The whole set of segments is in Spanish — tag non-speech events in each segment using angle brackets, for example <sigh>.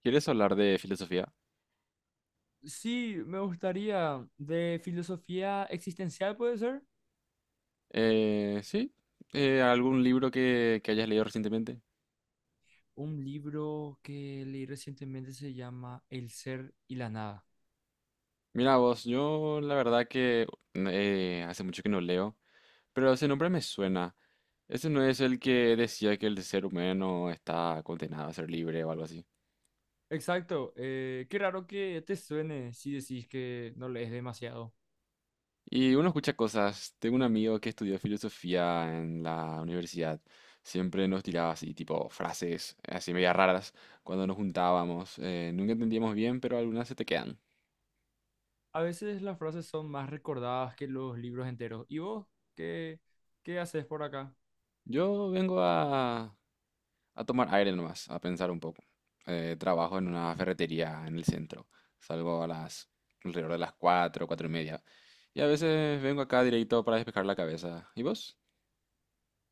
¿Quieres hablar de filosofía? Sí, me gustaría. De filosofía existencial, puede ser. Sí. ¿Algún libro que hayas leído recientemente? Un libro que leí recientemente se llama El ser y la nada. Mira vos, yo la verdad que hace mucho que no leo, pero ese nombre me suena. Ese no es el que decía que el ser humano está condenado a ser libre o algo así. Exacto. Qué raro que te suene si decís que no lees demasiado. Y uno escucha cosas. Tengo un amigo que estudió filosofía en la universidad. Siempre nos tiraba así, tipo, frases así media raras cuando nos juntábamos. Nunca entendíamos bien, pero algunas se te quedan. A veces las frases son más recordadas que los libros enteros. ¿Y vos qué, qué haces por acá? Yo vengo a, a tomar aire nomás, a pensar un poco. Trabajo en una ferretería en el centro. Salgo a las alrededor de las 4, 4 y media. Y a veces vengo acá directo para despejar la cabeza. ¿Y vos?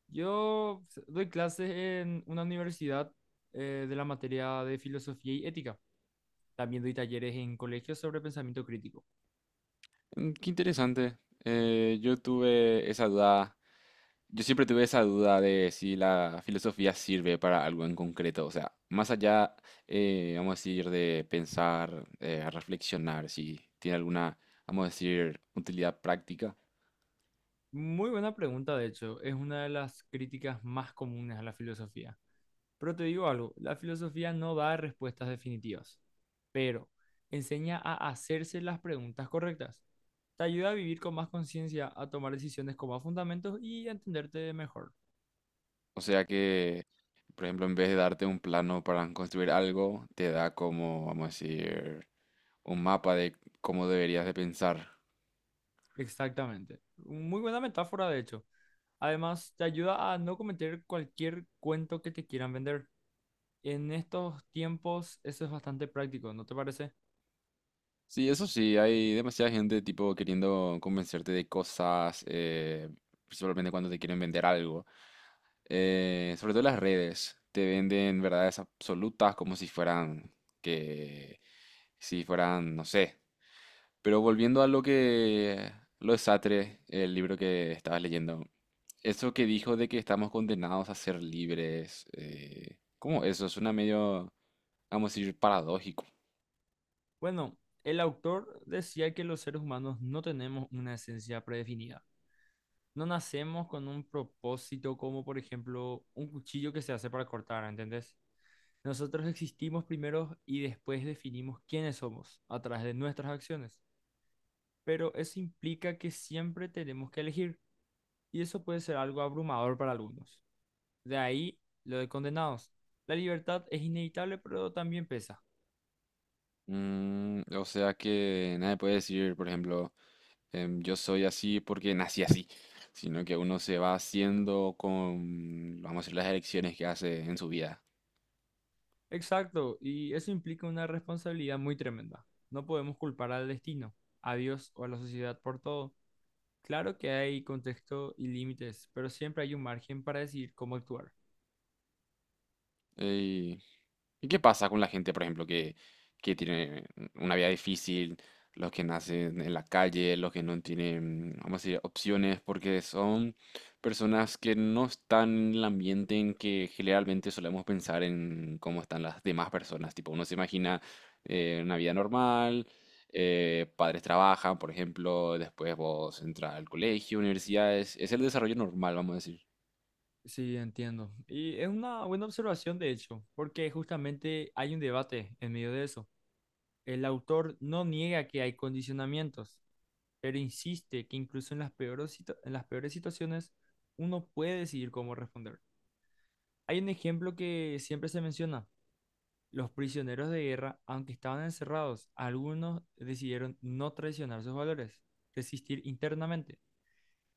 Yo doy clases en una universidad de la materia de filosofía y ética. También doy talleres en colegios sobre pensamiento crítico. Mm, qué interesante. Yo tuve esa duda. Yo siempre tuve esa duda de si la filosofía sirve para algo en concreto. O sea, más allá, vamos a decir, de pensar, reflexionar, si tiene alguna, vamos a decir, utilidad práctica. Muy buena pregunta, de hecho, es una de las críticas más comunes a la filosofía. Pero te digo algo, la filosofía no da respuestas definitivas, pero enseña a hacerse las preguntas correctas. Te ayuda a vivir con más conciencia, a tomar decisiones con más fundamentos y a entenderte mejor. O sea que, por ejemplo, en vez de darte un plano para construir algo, te da como, vamos a decir, un mapa de cómo deberías de pensar. Exactamente. Muy buena metáfora, de hecho. Además, te ayuda a no cometer cualquier cuento que te quieran vender. En estos tiempos, eso es bastante práctico, ¿no te parece? Sí, eso sí, hay demasiada gente tipo queriendo convencerte de cosas, principalmente cuando te quieren vender algo. Sobre todo las redes te venden verdades absolutas como si fueran que, si fueran, no sé. Pero volviendo lo de Sartre, el libro que estabas leyendo, eso que dijo de que estamos condenados a ser libres, ¿cómo eso? Suena medio, vamos a decir, paradójico. Bueno, el autor decía que los seres humanos no tenemos una esencia predefinida. No nacemos con un propósito como, por ejemplo, un cuchillo que se hace para cortar, ¿entendés? Nosotros existimos primero y después definimos quiénes somos a través de nuestras acciones. Pero eso implica que siempre tenemos que elegir y eso puede ser algo abrumador para algunos. De ahí lo de condenados. La libertad es inevitable, pero también pesa. Mm, o sea que nadie puede decir, por ejemplo, yo soy así porque nací así, sino que uno se va haciendo con, vamos a decir, las elecciones que hace en su vida. Exacto, y eso implica una responsabilidad muy tremenda. No podemos culpar al destino, a Dios o a la sociedad por todo. Claro que hay contexto y límites, pero siempre hay un margen para decidir cómo actuar. ¿Y qué pasa con la gente, por ejemplo, que tiene una vida difícil, los que nacen en la calle, los que no tienen, vamos a decir, opciones, porque son personas que no están en el ambiente en que generalmente solemos pensar en cómo están las demás personas? Tipo, uno se imagina una vida normal, padres trabajan, por ejemplo, después vos entras al colegio, universidades, es el desarrollo normal, vamos a decir. Sí, entiendo. Y es una buena observación, de hecho, porque justamente hay un debate en medio de eso. El autor no niega que hay condicionamientos, pero insiste que incluso en las peores, en las peores situaciones uno puede decidir cómo responder. Hay un ejemplo que siempre se menciona. Los prisioneros de guerra, aunque estaban encerrados, algunos decidieron no traicionar sus valores, resistir internamente.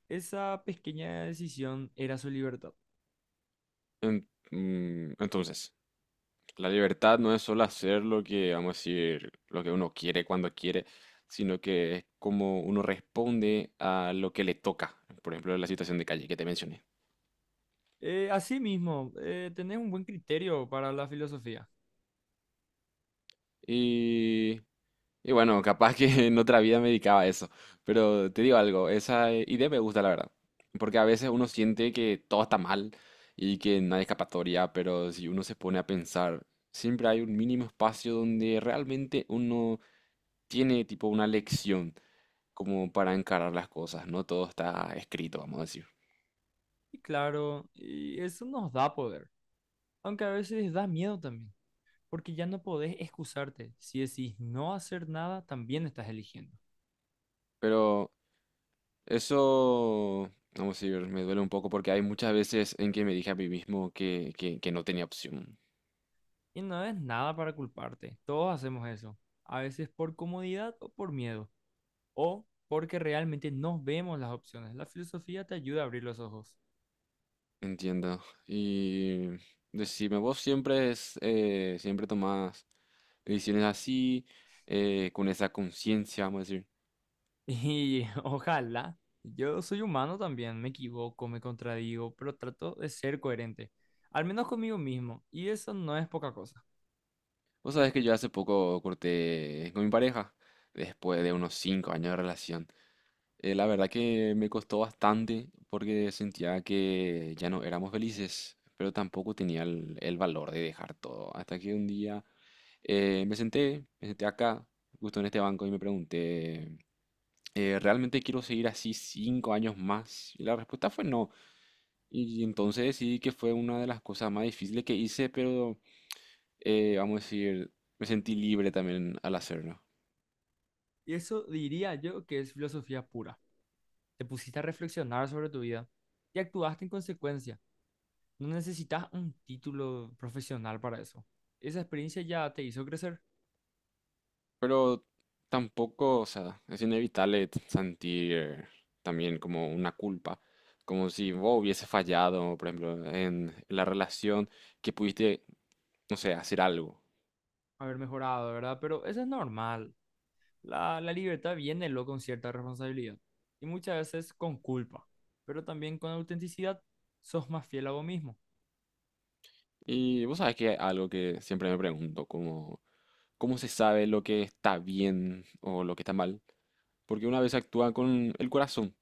Esa pequeña decisión era su libertad. Entonces, la libertad no es solo hacer lo que, vamos a decir, lo que uno quiere cuando quiere, sino que es como uno responde a lo que le toca. Por ejemplo, la situación de calle que te mencioné. Asimismo, tenés un buen criterio para la filosofía. Y, y bueno, capaz que <laughs> en otra vida me dedicaba a eso. Pero te digo algo, esa idea me gusta, la verdad. Porque a veces uno siente que todo está mal y que no hay escapatoria, pero si uno se pone a pensar, siempre hay un mínimo espacio donde realmente uno tiene tipo una lección, como para encarar las cosas, no todo está escrito, vamos a decir. Y claro, y eso nos da poder, aunque a veces da miedo también, porque ya no podés excusarte. Si decís no hacer nada, también estás eligiendo. Pero eso, vamos a decir, me duele un poco porque hay muchas veces en que me dije a mí mismo que no tenía opción. Y no es nada para culparte, todos hacemos eso, a veces por comodidad o por miedo o porque realmente no vemos las opciones. La filosofía te ayuda a abrir los ojos. <laughs> Entiendo. Y decime, siempre tomás decisiones así, con esa conciencia, vamos a decir. Y ojalá, yo soy humano también, me equivoco, me contradigo, pero trato de ser coherente, al menos conmigo mismo, y eso no es poca cosa. Vos sabés que yo hace poco corté con mi pareja, después de unos 5 años de relación. La verdad que me costó bastante porque sentía que ya no éramos felices, pero tampoco tenía el valor de dejar todo. Hasta que un día me senté acá, justo en este banco, y me pregunté, ¿realmente quiero seguir así 5 años más? Y la respuesta fue no. Y entonces decidí que fue una de las cosas más difíciles que hice, pero vamos a decir, me sentí libre también al hacerlo. Y eso diría yo que es filosofía pura. Te pusiste a reflexionar sobre tu vida y actuaste en consecuencia. No necesitas un título profesional para eso. Esa experiencia ya te hizo crecer, Pero tampoco, o sea, es inevitable sentir también como una culpa, como si vos hubiese fallado, por ejemplo, en la relación, que pudiste, no sé, hacer algo. haber mejorado, ¿verdad? Pero eso es normal. La libertad viene luego con cierta responsabilidad y muchas veces con culpa, pero también con autenticidad sos más fiel a vos mismo. Y vos sabés que algo que siempre me pregunto, como, ¿cómo se sabe lo que está bien o lo que está mal? Porque una vez actúa con el corazón,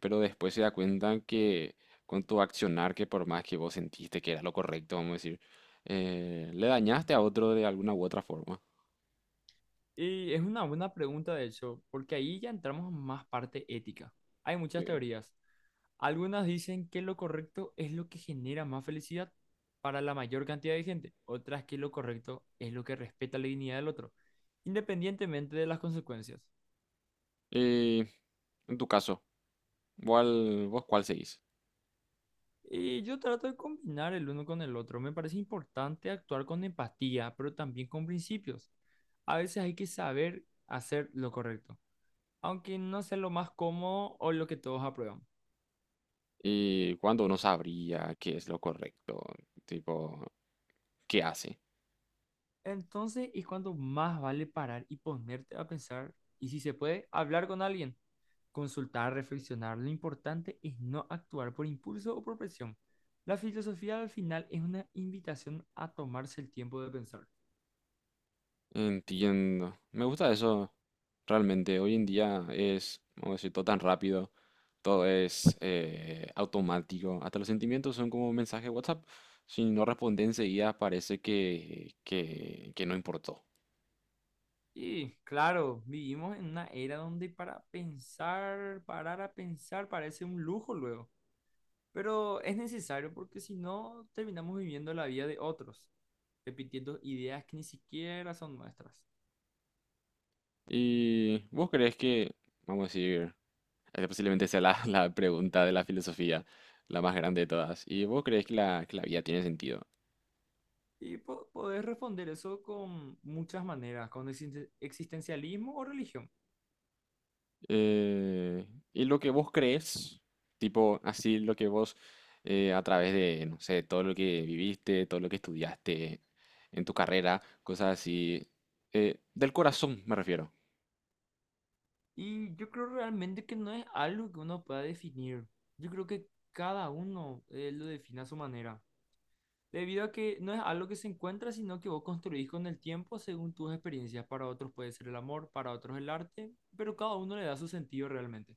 pero después se da cuenta que con tu accionar, que por más que vos sentiste que era lo correcto, vamos a decir, le dañaste a otro de alguna u otra forma. Y es una buena pregunta, de hecho, porque ahí ya entramos en más parte ética. Hay Sí. muchas teorías. Algunas dicen que lo correcto es lo que genera más felicidad para la mayor cantidad de gente, otras que lo correcto es lo que respeta la dignidad del otro, independientemente de las consecuencias. Y en tu caso, vos ¿cuál seguís? Y yo trato de combinar el uno con el otro. Me parece importante actuar con empatía, pero también con principios. A veces hay que saber hacer lo correcto, aunque no sea lo más cómodo o lo que todos aprueban. ¿Y cuándo uno sabría qué es lo correcto? Tipo, ¿qué hace? Entonces es cuando más vale parar y ponerte a pensar y si se puede, hablar con alguien, consultar, reflexionar. Lo importante es no actuar por impulso o por presión. La filosofía al final es una invitación a tomarse el tiempo de pensar. Entiendo. Me gusta eso realmente. Hoy en día es, vamos a decir, todo tan rápido, todo es automático. Hasta los sentimientos son como mensaje de WhatsApp. Si no responde enseguida, parece que no importó. Y claro, vivimos en una era donde para pensar, parar a pensar, parece un lujo luego. Pero es necesario porque si no, terminamos viviendo la vida de otros, repitiendo ideas que ni siquiera son nuestras. ¿Y vos crees que, vamos a decir, esta posiblemente sea la, <laughs> la pregunta de la filosofía, la más grande de todas? ¿Y vos crees que que la vida tiene sentido? Y podés responder eso con muchas maneras, con existencialismo o religión. Eh, ¿Y lo que vos crees, tipo así lo que vos a través de, no sé, todo lo que viviste, todo lo que estudiaste en tu carrera, cosas así, del corazón me refiero? Y yo creo realmente que no es algo que uno pueda definir. Yo creo que cada uno lo define a su manera. Debido a que no es algo que se encuentra, sino que vos construís con el tiempo según tus experiencias. Para otros puede ser el amor, para otros el arte, pero cada uno le da su sentido realmente.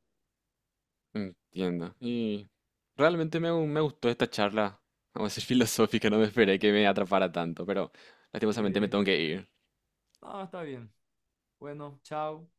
Entiendo. Y realmente me gustó esta charla, vamos a decir <laughs> filosófica, no me esperé que me atrapara tanto, pero lastimosamente me Sí. tengo que ir. Ah, está bien. Bueno, chao.